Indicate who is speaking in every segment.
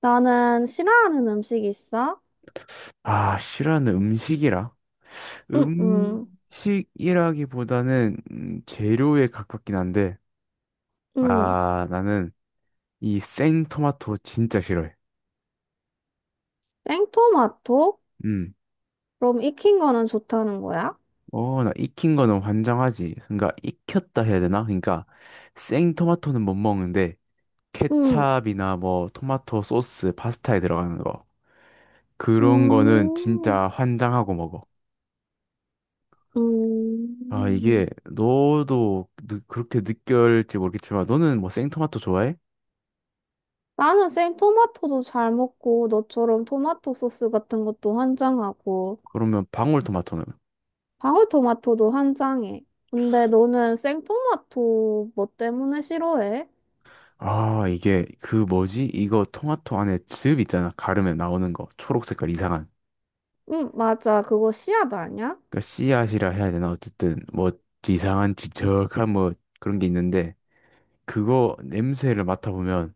Speaker 1: 나는 싫어하는 음식 있어?
Speaker 2: 아, 싫어하는 음식이라?
Speaker 1: 응, 응,
Speaker 2: 음식이라기보다는 재료에 가깝긴 한데,
Speaker 1: 응.
Speaker 2: 아, 나는 이 생토마토 진짜 싫어해.
Speaker 1: 생토마토?
Speaker 2: 음.
Speaker 1: 그럼 익힌 거는 좋다는 거야?
Speaker 2: 어, 나 익힌 거는 환장하지. 그러니까 익혔다 해야 되나? 그러니까 생토마토는 못 먹는데,
Speaker 1: 응,
Speaker 2: 케찹이나 뭐 토마토 소스, 파스타에 들어가는 거. 그런 거는
Speaker 1: 음,
Speaker 2: 진짜 환장하고 먹어. 아,
Speaker 1: 음.
Speaker 2: 이게 너도 그렇게 느낄지 모르겠지만, 너는 뭐 생토마토 좋아해?
Speaker 1: 나는 생토마토도 잘 먹고, 너처럼 토마토 소스 같은 것도 환장하고,
Speaker 2: 그러면 방울토마토는?
Speaker 1: 방울토마토도 환장해. 근데 너는 생토마토 뭐 때문에 싫어해?
Speaker 2: 아, 이게 그 뭐지? 이거 토마토 안에 즙 있잖아. 가르면 나오는 거. 초록 색깔 이상한.
Speaker 1: 응, 맞아. 그거 씨앗 아니야?
Speaker 2: 그러니까 씨앗이라 해야 되나? 어쨌든 뭐 이상한 지적한 뭐 그런 게 있는데 그거 냄새를 맡아보면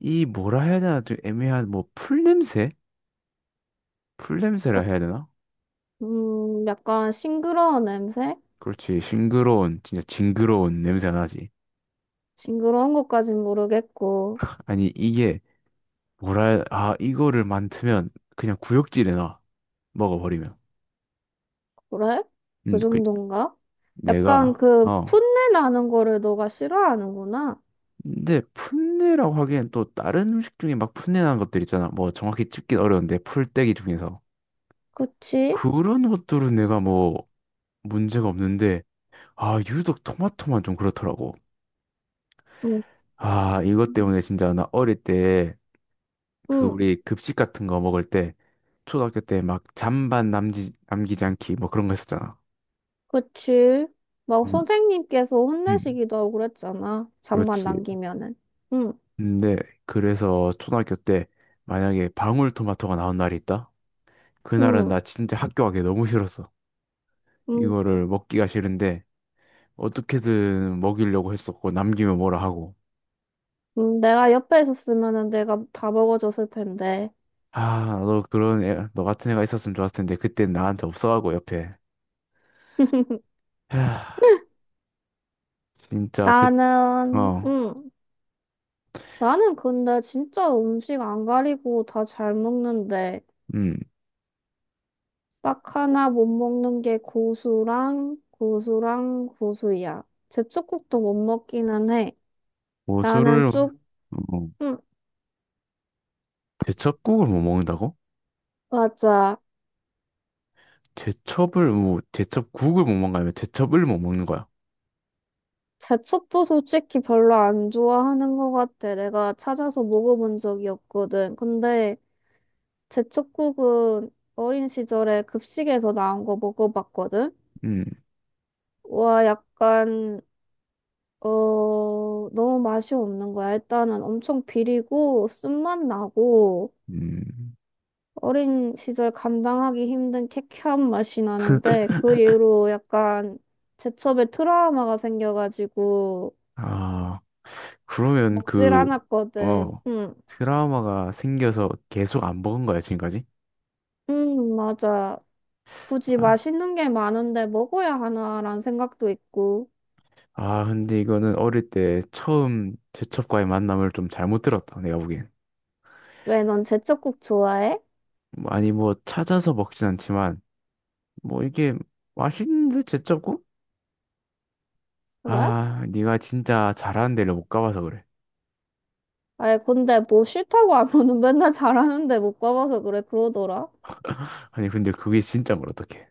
Speaker 2: 이 뭐라 해야 되나? 좀 애매한 뭐 풀냄새? 풀냄새라
Speaker 1: 약-
Speaker 2: 해야 되나?
Speaker 1: 약간 싱그러운 냄새?
Speaker 2: 그렇지. 싱그러운 진짜 징그러운 냄새가 나지.
Speaker 1: 징그러운 것까진 모르겠고,
Speaker 2: 아니 이게 아 이거를 맡으면 그냥 구역질에 나 먹어버리면.
Speaker 1: 그래? 그
Speaker 2: 그
Speaker 1: 정도인가? 약간
Speaker 2: 내가
Speaker 1: 그
Speaker 2: 어.
Speaker 1: 풋내 나는 거를 너가 싫어하는구나.
Speaker 2: 근데 풋내라고 하기엔 또 다른 음식 중에 막 풋내난 것들 있잖아. 뭐 정확히 찍긴 어려운데 풀떼기 중에서
Speaker 1: 그치?
Speaker 2: 그런 것들은 내가 뭐 문제가 없는데 아 유독 토마토만 좀 그렇더라고.
Speaker 1: 응,
Speaker 2: 아 이것 때문에 진짜 나 어릴 때 그
Speaker 1: 응,
Speaker 2: 우리 급식 같은 거 먹을 때 초등학교 때 막 잔반 남지 남기지 않기 뭐 그런 거 했었잖아.
Speaker 1: 그치. 막
Speaker 2: 음,
Speaker 1: 선생님께서
Speaker 2: 음.
Speaker 1: 혼내시기도 하고 그랬잖아. 잠만
Speaker 2: 그렇지.
Speaker 1: 남기면은. 응,
Speaker 2: 근데 그래서 초등학교 때 만약에 방울토마토가 나온 날이 있다. 그날은
Speaker 1: 응,
Speaker 2: 나 진짜 학교 가기 너무 싫었어.
Speaker 1: 응.
Speaker 2: 이거를 먹기가 싫은데 어떻게든 먹이려고 했었고 남기면 뭐라 하고
Speaker 1: 응, 내가 옆에 있었으면은 내가 다 먹어줬을 텐데.
Speaker 2: 아 너 그런 애, 너 같은 애가 있었으면 좋았을 텐데 그땐 나한테 없어가고 옆에 하, 진짜
Speaker 1: 나는,
Speaker 2: 그어음
Speaker 1: 응. 나는 근데 진짜 음식 안 가리고 다 잘 먹는데.
Speaker 2: 고수를
Speaker 1: 딱 하나 못 먹는 게 고수랑 고수랑 고수야. 제첩국도 못 먹기는 해.
Speaker 2: 뭐
Speaker 1: 나는
Speaker 2: 술을
Speaker 1: 쭉,
Speaker 2: 뭐,
Speaker 1: 음,
Speaker 2: 제첩국을 못 먹는다고?
Speaker 1: 맞아.
Speaker 2: 제첩을 뭐 제첩국을 못 먹는 거 아니 제첩을 못 먹는 거야
Speaker 1: 제첩도 솔직히 별로 안 좋아하는 것 같아. 내가 찾아서 먹어본 적이 없거든. 근데 제첩국은 어린 시절에 급식에서 나온 거 먹어봤거든.
Speaker 2: 음
Speaker 1: 와, 약간, 어, 너무 맛이 없는 거야. 일단은 엄청 비리고 쓴맛 나고.
Speaker 2: 음.
Speaker 1: 어린 시절 감당하기 힘든 쾌쾌한 맛이 나는데 그 이후로 약간 제첩에 트라우마가 생겨가지고
Speaker 2: 아 그러면
Speaker 1: 먹질
Speaker 2: 그
Speaker 1: 않았거든.
Speaker 2: 어
Speaker 1: 응,
Speaker 2: 트라우마가 생겨서 계속 안 먹은 거야 지금까지?
Speaker 1: 응, 맞아. 굳이
Speaker 2: 아.
Speaker 1: 맛있는 게 많은데 먹어야 하나라는 생각도 있고.
Speaker 2: 아, 근데 이거는 어릴 때 처음 제첩과의 만남을 좀 잘못 들었다, 내가 보기엔.
Speaker 1: 왜 넌 제첩국 좋아해?
Speaker 2: 뭐, 아니, 뭐, 찾아서 먹진 않지만, 뭐, 이게 맛있는데 제첩국?
Speaker 1: 그래?
Speaker 2: 아, 네가 진짜 잘하는 데를 못 가봐서 그래.
Speaker 1: 아니 근데 뭐 싫다고 하면은 맨날 잘하는데 못 가봐서 그래 그러더라.
Speaker 2: 아니, 근데 그게 진짜 뭘 어떡해.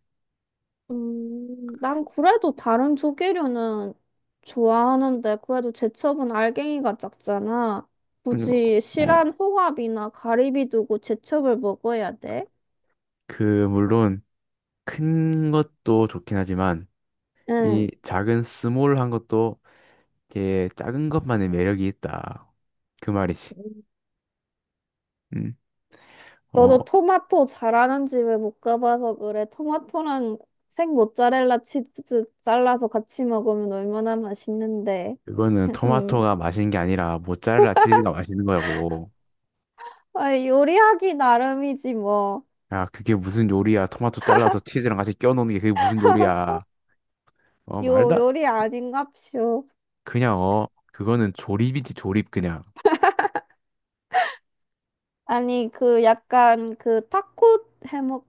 Speaker 1: 난 그래도 다른 조개류는 좋아하는데, 그래도 제첩은 알갱이가 작잖아.
Speaker 2: 그리고,
Speaker 1: 굳이
Speaker 2: 어,
Speaker 1: 실한 홍합이나 가리비 두고 제첩을 먹어야 돼?
Speaker 2: 그, 물론, 큰 것도 좋긴 하지만,
Speaker 1: 응.
Speaker 2: 이 작은 스몰한 것도, 이게 작은 것만의 매력이 있다. 그 말이지. 음. 어,
Speaker 1: 너도 토마토 잘하는 집에 못 가봐서 그래. 토마토랑 생 모짜렐라 치즈 잘라서 같이 먹으면 얼마나 맛있는데.
Speaker 2: 그거는
Speaker 1: 음.
Speaker 2: 토마토가 맛있는 게 아니라 모짜렐라 치즈가 맛있는 거라고.
Speaker 1: 아, 요리하기 나름이지, 뭐.
Speaker 2: 야, 그게 무슨 요리야? 토마토 잘라서 치즈랑 같이 껴 넣는 게 그게 무슨 요리야? 어, 말도
Speaker 1: 요,
Speaker 2: 안-
Speaker 1: 요리 아닌갑쇼.
Speaker 2: 그냥 어, 그거는 조립이지 조립 그냥.
Speaker 1: 아니, 그 약간 그 타코 해먹,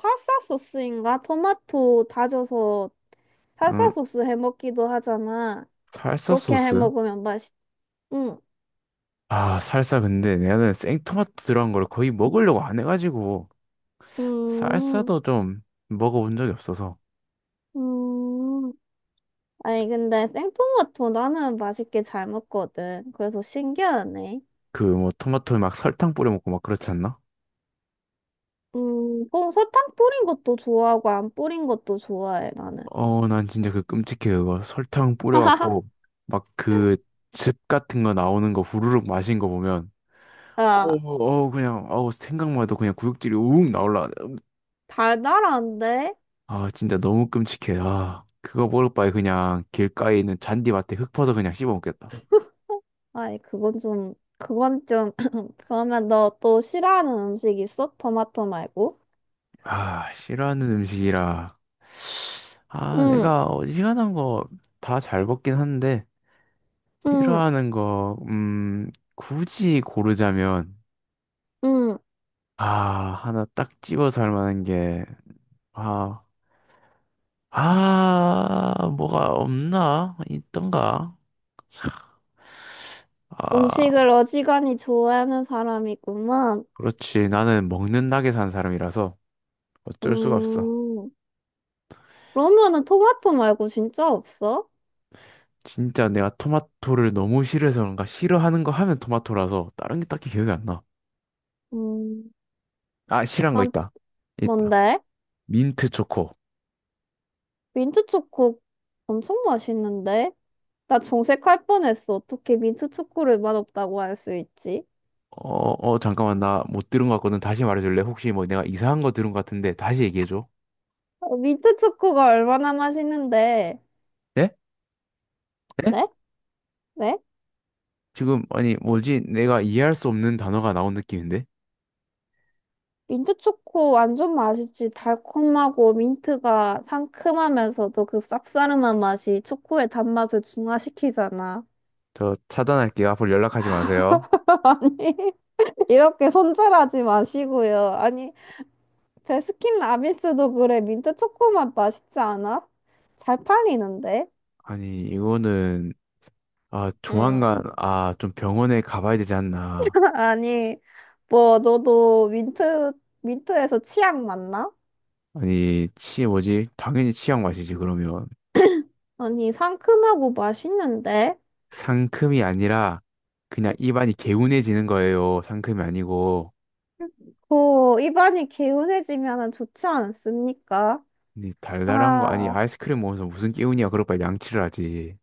Speaker 1: 살사 소스인가? 토마토 다져서 살사
Speaker 2: 응,
Speaker 1: 소스 해먹기도 하잖아.
Speaker 2: 살사
Speaker 1: 그렇게
Speaker 2: 소스?
Speaker 1: 해먹으면 맛있, 응,
Speaker 2: 아, 살사 근데 나는 생토마토 들어간 걸 거의 먹으려고 안 해가지고
Speaker 1: 음,
Speaker 2: 살사도 좀 먹어본 적이 없어서
Speaker 1: 음. 아니, 근데 생토마토 나는 맛있게 잘 먹거든. 그래서 신기하네.
Speaker 2: 그 뭐 토마토에 막 설탕 뿌려 먹고 막 그렇지 않나?
Speaker 1: 뭐 설탕 뿌린 것도 좋아하고 안 뿌린 것도 좋아해, 나는.
Speaker 2: 어, 난 진짜 그 끔찍해, 그거. 설탕 뿌려갖고, 막 그 즙 같은 거 나오는 거 후루룩 마신 거 보면, 어우,
Speaker 1: 아,
Speaker 2: 어우, 그냥, 어우, 생각만 해도 그냥 구역질이 우웅 나올라.
Speaker 1: 달달한데?
Speaker 2: 아, 진짜 너무 끔찍해. 아, 그거 먹을 바에 그냥 길가에 있는 잔디밭에 흙 퍼서 그냥 씹어 먹겠다.
Speaker 1: 아니, 그건 좀 그러면 너 또 싫어하는 음식 있어? 토마토 말고?
Speaker 2: 아, 싫어하는 음식이라. 아,
Speaker 1: 응,
Speaker 2: 내가 어지간한 거 다 잘 먹긴 한데,
Speaker 1: 응,
Speaker 2: 싫어하는 거, 굳이 고르자면,
Speaker 1: 응.
Speaker 2: 아, 하나 딱 집어서 할 만한 게, 아, 아, 뭐가 없나? 있던가?
Speaker 1: 음식을
Speaker 2: 아,
Speaker 1: 어지간히 좋아하는 사람이구만.
Speaker 2: 그렇지. 나는 먹는 낙에 산 사람이라서 어쩔 수가 없어.
Speaker 1: 음, 그러면은 토마토 말고 진짜 없어?
Speaker 2: 진짜 내가 토마토를 너무 싫어서 그런가? 싫어하는 거 하면 토마토라서 다른 게 딱히 기억이 안 나.
Speaker 1: 음,
Speaker 2: 아, 싫어한 거
Speaker 1: 난
Speaker 2: 있다. 있다.
Speaker 1: 뭔데?
Speaker 2: 민트 초코.
Speaker 1: 민트 초코 엄청 맛있는데? 나 정색할 뻔했어. 어떻게 민트 초코를 맛없다고 할 수 있지?
Speaker 2: 어, 잠깐만. 나 못 들은 것 같거든. 다시 말해줄래? 혹시 뭐 내가 이상한 거 들은 것 같은데 다시 얘기해줘.
Speaker 1: 어, 민트 초코가 얼마나 맛있는데?
Speaker 2: 네? 네?
Speaker 1: 네? 네?
Speaker 2: 지금, 아니, 뭐지? 내가 이해할 수 없는 단어가 나온 느낌인데?
Speaker 1: 민트 초코 완전 맛있지. 달콤하고 민트가 상큼하면서도 그 쌉싸름한 맛이 초코의 단맛을 중화시키잖아.
Speaker 2: 저 차단할게요. 앞으로 연락하지 마세요.
Speaker 1: 아니, 이렇게 손절하지 마시고요. 아니, 베스킨라빈스도 그래. 민트 초코 맛 맛있지 않아? 잘 팔리는데?
Speaker 2: 아니, 이거는, 아, 조만간,
Speaker 1: 응.
Speaker 2: 아, 좀 병원에 가봐야 되지 않나.
Speaker 1: 아니, 뭐, 너도 민트, 민트에서 치약 맞나?
Speaker 2: 아니, 치, 뭐지? 당연히 치약 마시지, 그러면.
Speaker 1: 아니, 상큼하고 맛있는데?
Speaker 2: 상큼이 아니라, 그냥 입안이 개운해지는 거예요. 상큼이 아니고.
Speaker 1: 고 입안이 개운해지면 좋지 않습니까?
Speaker 2: 아니, 달달한 거, 아니,
Speaker 1: 아,
Speaker 2: 아이스크림 먹으면서 무슨 개운이야. 그럴 바에 양치를 하지.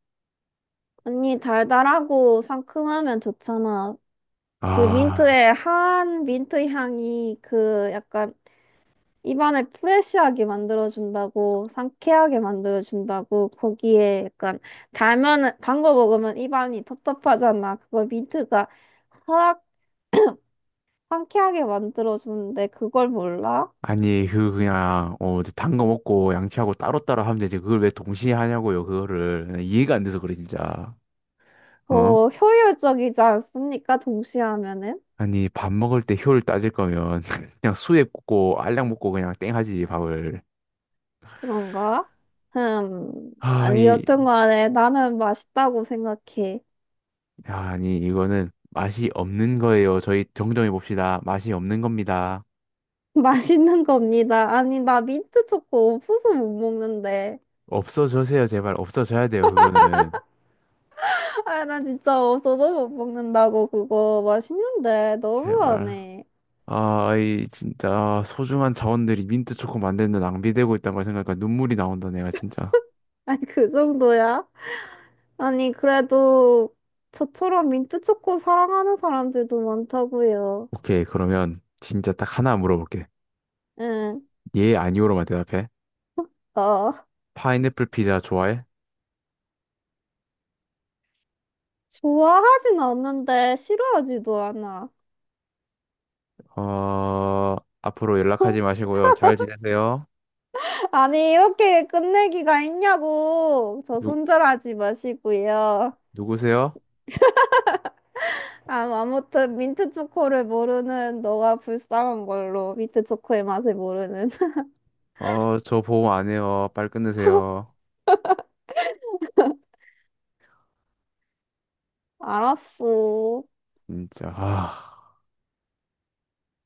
Speaker 1: 언니 달달하고 상큼하면 좋잖아. 그
Speaker 2: 아,
Speaker 1: 민트의 한 민트 향이 그 약간 입안을 프레쉬하게 만들어준다고, 상쾌하게 만들어준다고, 거기에 약간 달면은, 단거 먹으면 입안이 텁텁하잖아. 그걸 민트가 확 상쾌하게 만들어주는데 그걸 몰라?
Speaker 2: 아니, 그, 그냥, 어, 단 거 먹고 양치하고 따로따로 하면 되지. 그걸 왜 동시에 하냐고요, 그거를. 이해가 안 돼서 그래, 진짜. 어?
Speaker 1: 어, 효율적이지 않습니까? 동시에 하면은?
Speaker 2: 아니, 밥 먹을 때 효율 따질 거면 그냥 수액 꽂고 알약 먹고 그냥 땡 하지, 밥을.
Speaker 1: 그런가?
Speaker 2: 아,
Speaker 1: 아니,
Speaker 2: 이,
Speaker 1: 여튼 간에 나는 맛있다고 생각해.
Speaker 2: 아, 아니, 이거는 맛이 없는 거예요. 저희 정정해 봅시다. 맛이 없는 겁니다.
Speaker 1: 맛있는 겁니다. 아니, 나 민트 초코 없어서 못 먹는데.
Speaker 2: 없어져세요, 제발. 없어져야 돼요, 그거는.
Speaker 1: 아, 나 진짜 없어서 못 먹는다고 그거 맛있는데
Speaker 2: 제발.
Speaker 1: 너무하네.
Speaker 2: 아, 이 진짜 소중한 자원들이 민트 초코 만드는데 낭비되고 있다는 걸 생각하니까 눈물이 나온다, 내가 진짜.
Speaker 1: 아니, 그 정도야? 아니, 그래도 저처럼 민트 초코 사랑하는 사람들도 많다고요.
Speaker 2: 오케이, 그러면 진짜 딱 하나 물어볼게.
Speaker 1: 응,
Speaker 2: 예, 아니오로만 대답해.
Speaker 1: 어.
Speaker 2: 파인애플 피자 좋아해?
Speaker 1: 좋아하진 않는데 싫어하지도 않아.
Speaker 2: 어, 앞으로 연락하지 마시고요. 잘 지내세요.
Speaker 1: 아니, 이렇게 끝내기가 있냐고. 저
Speaker 2: 누,
Speaker 1: 손절하지 마시고요.
Speaker 2: 누구세요?
Speaker 1: 아, 아무튼 민트 초코를 모르는 너가 불쌍한 걸로. 민트 초코의 맛을 모르는.
Speaker 2: 어, 저 보험 안 해요. 빨리 끊으세요.
Speaker 1: 알았어.
Speaker 2: 진짜. 아.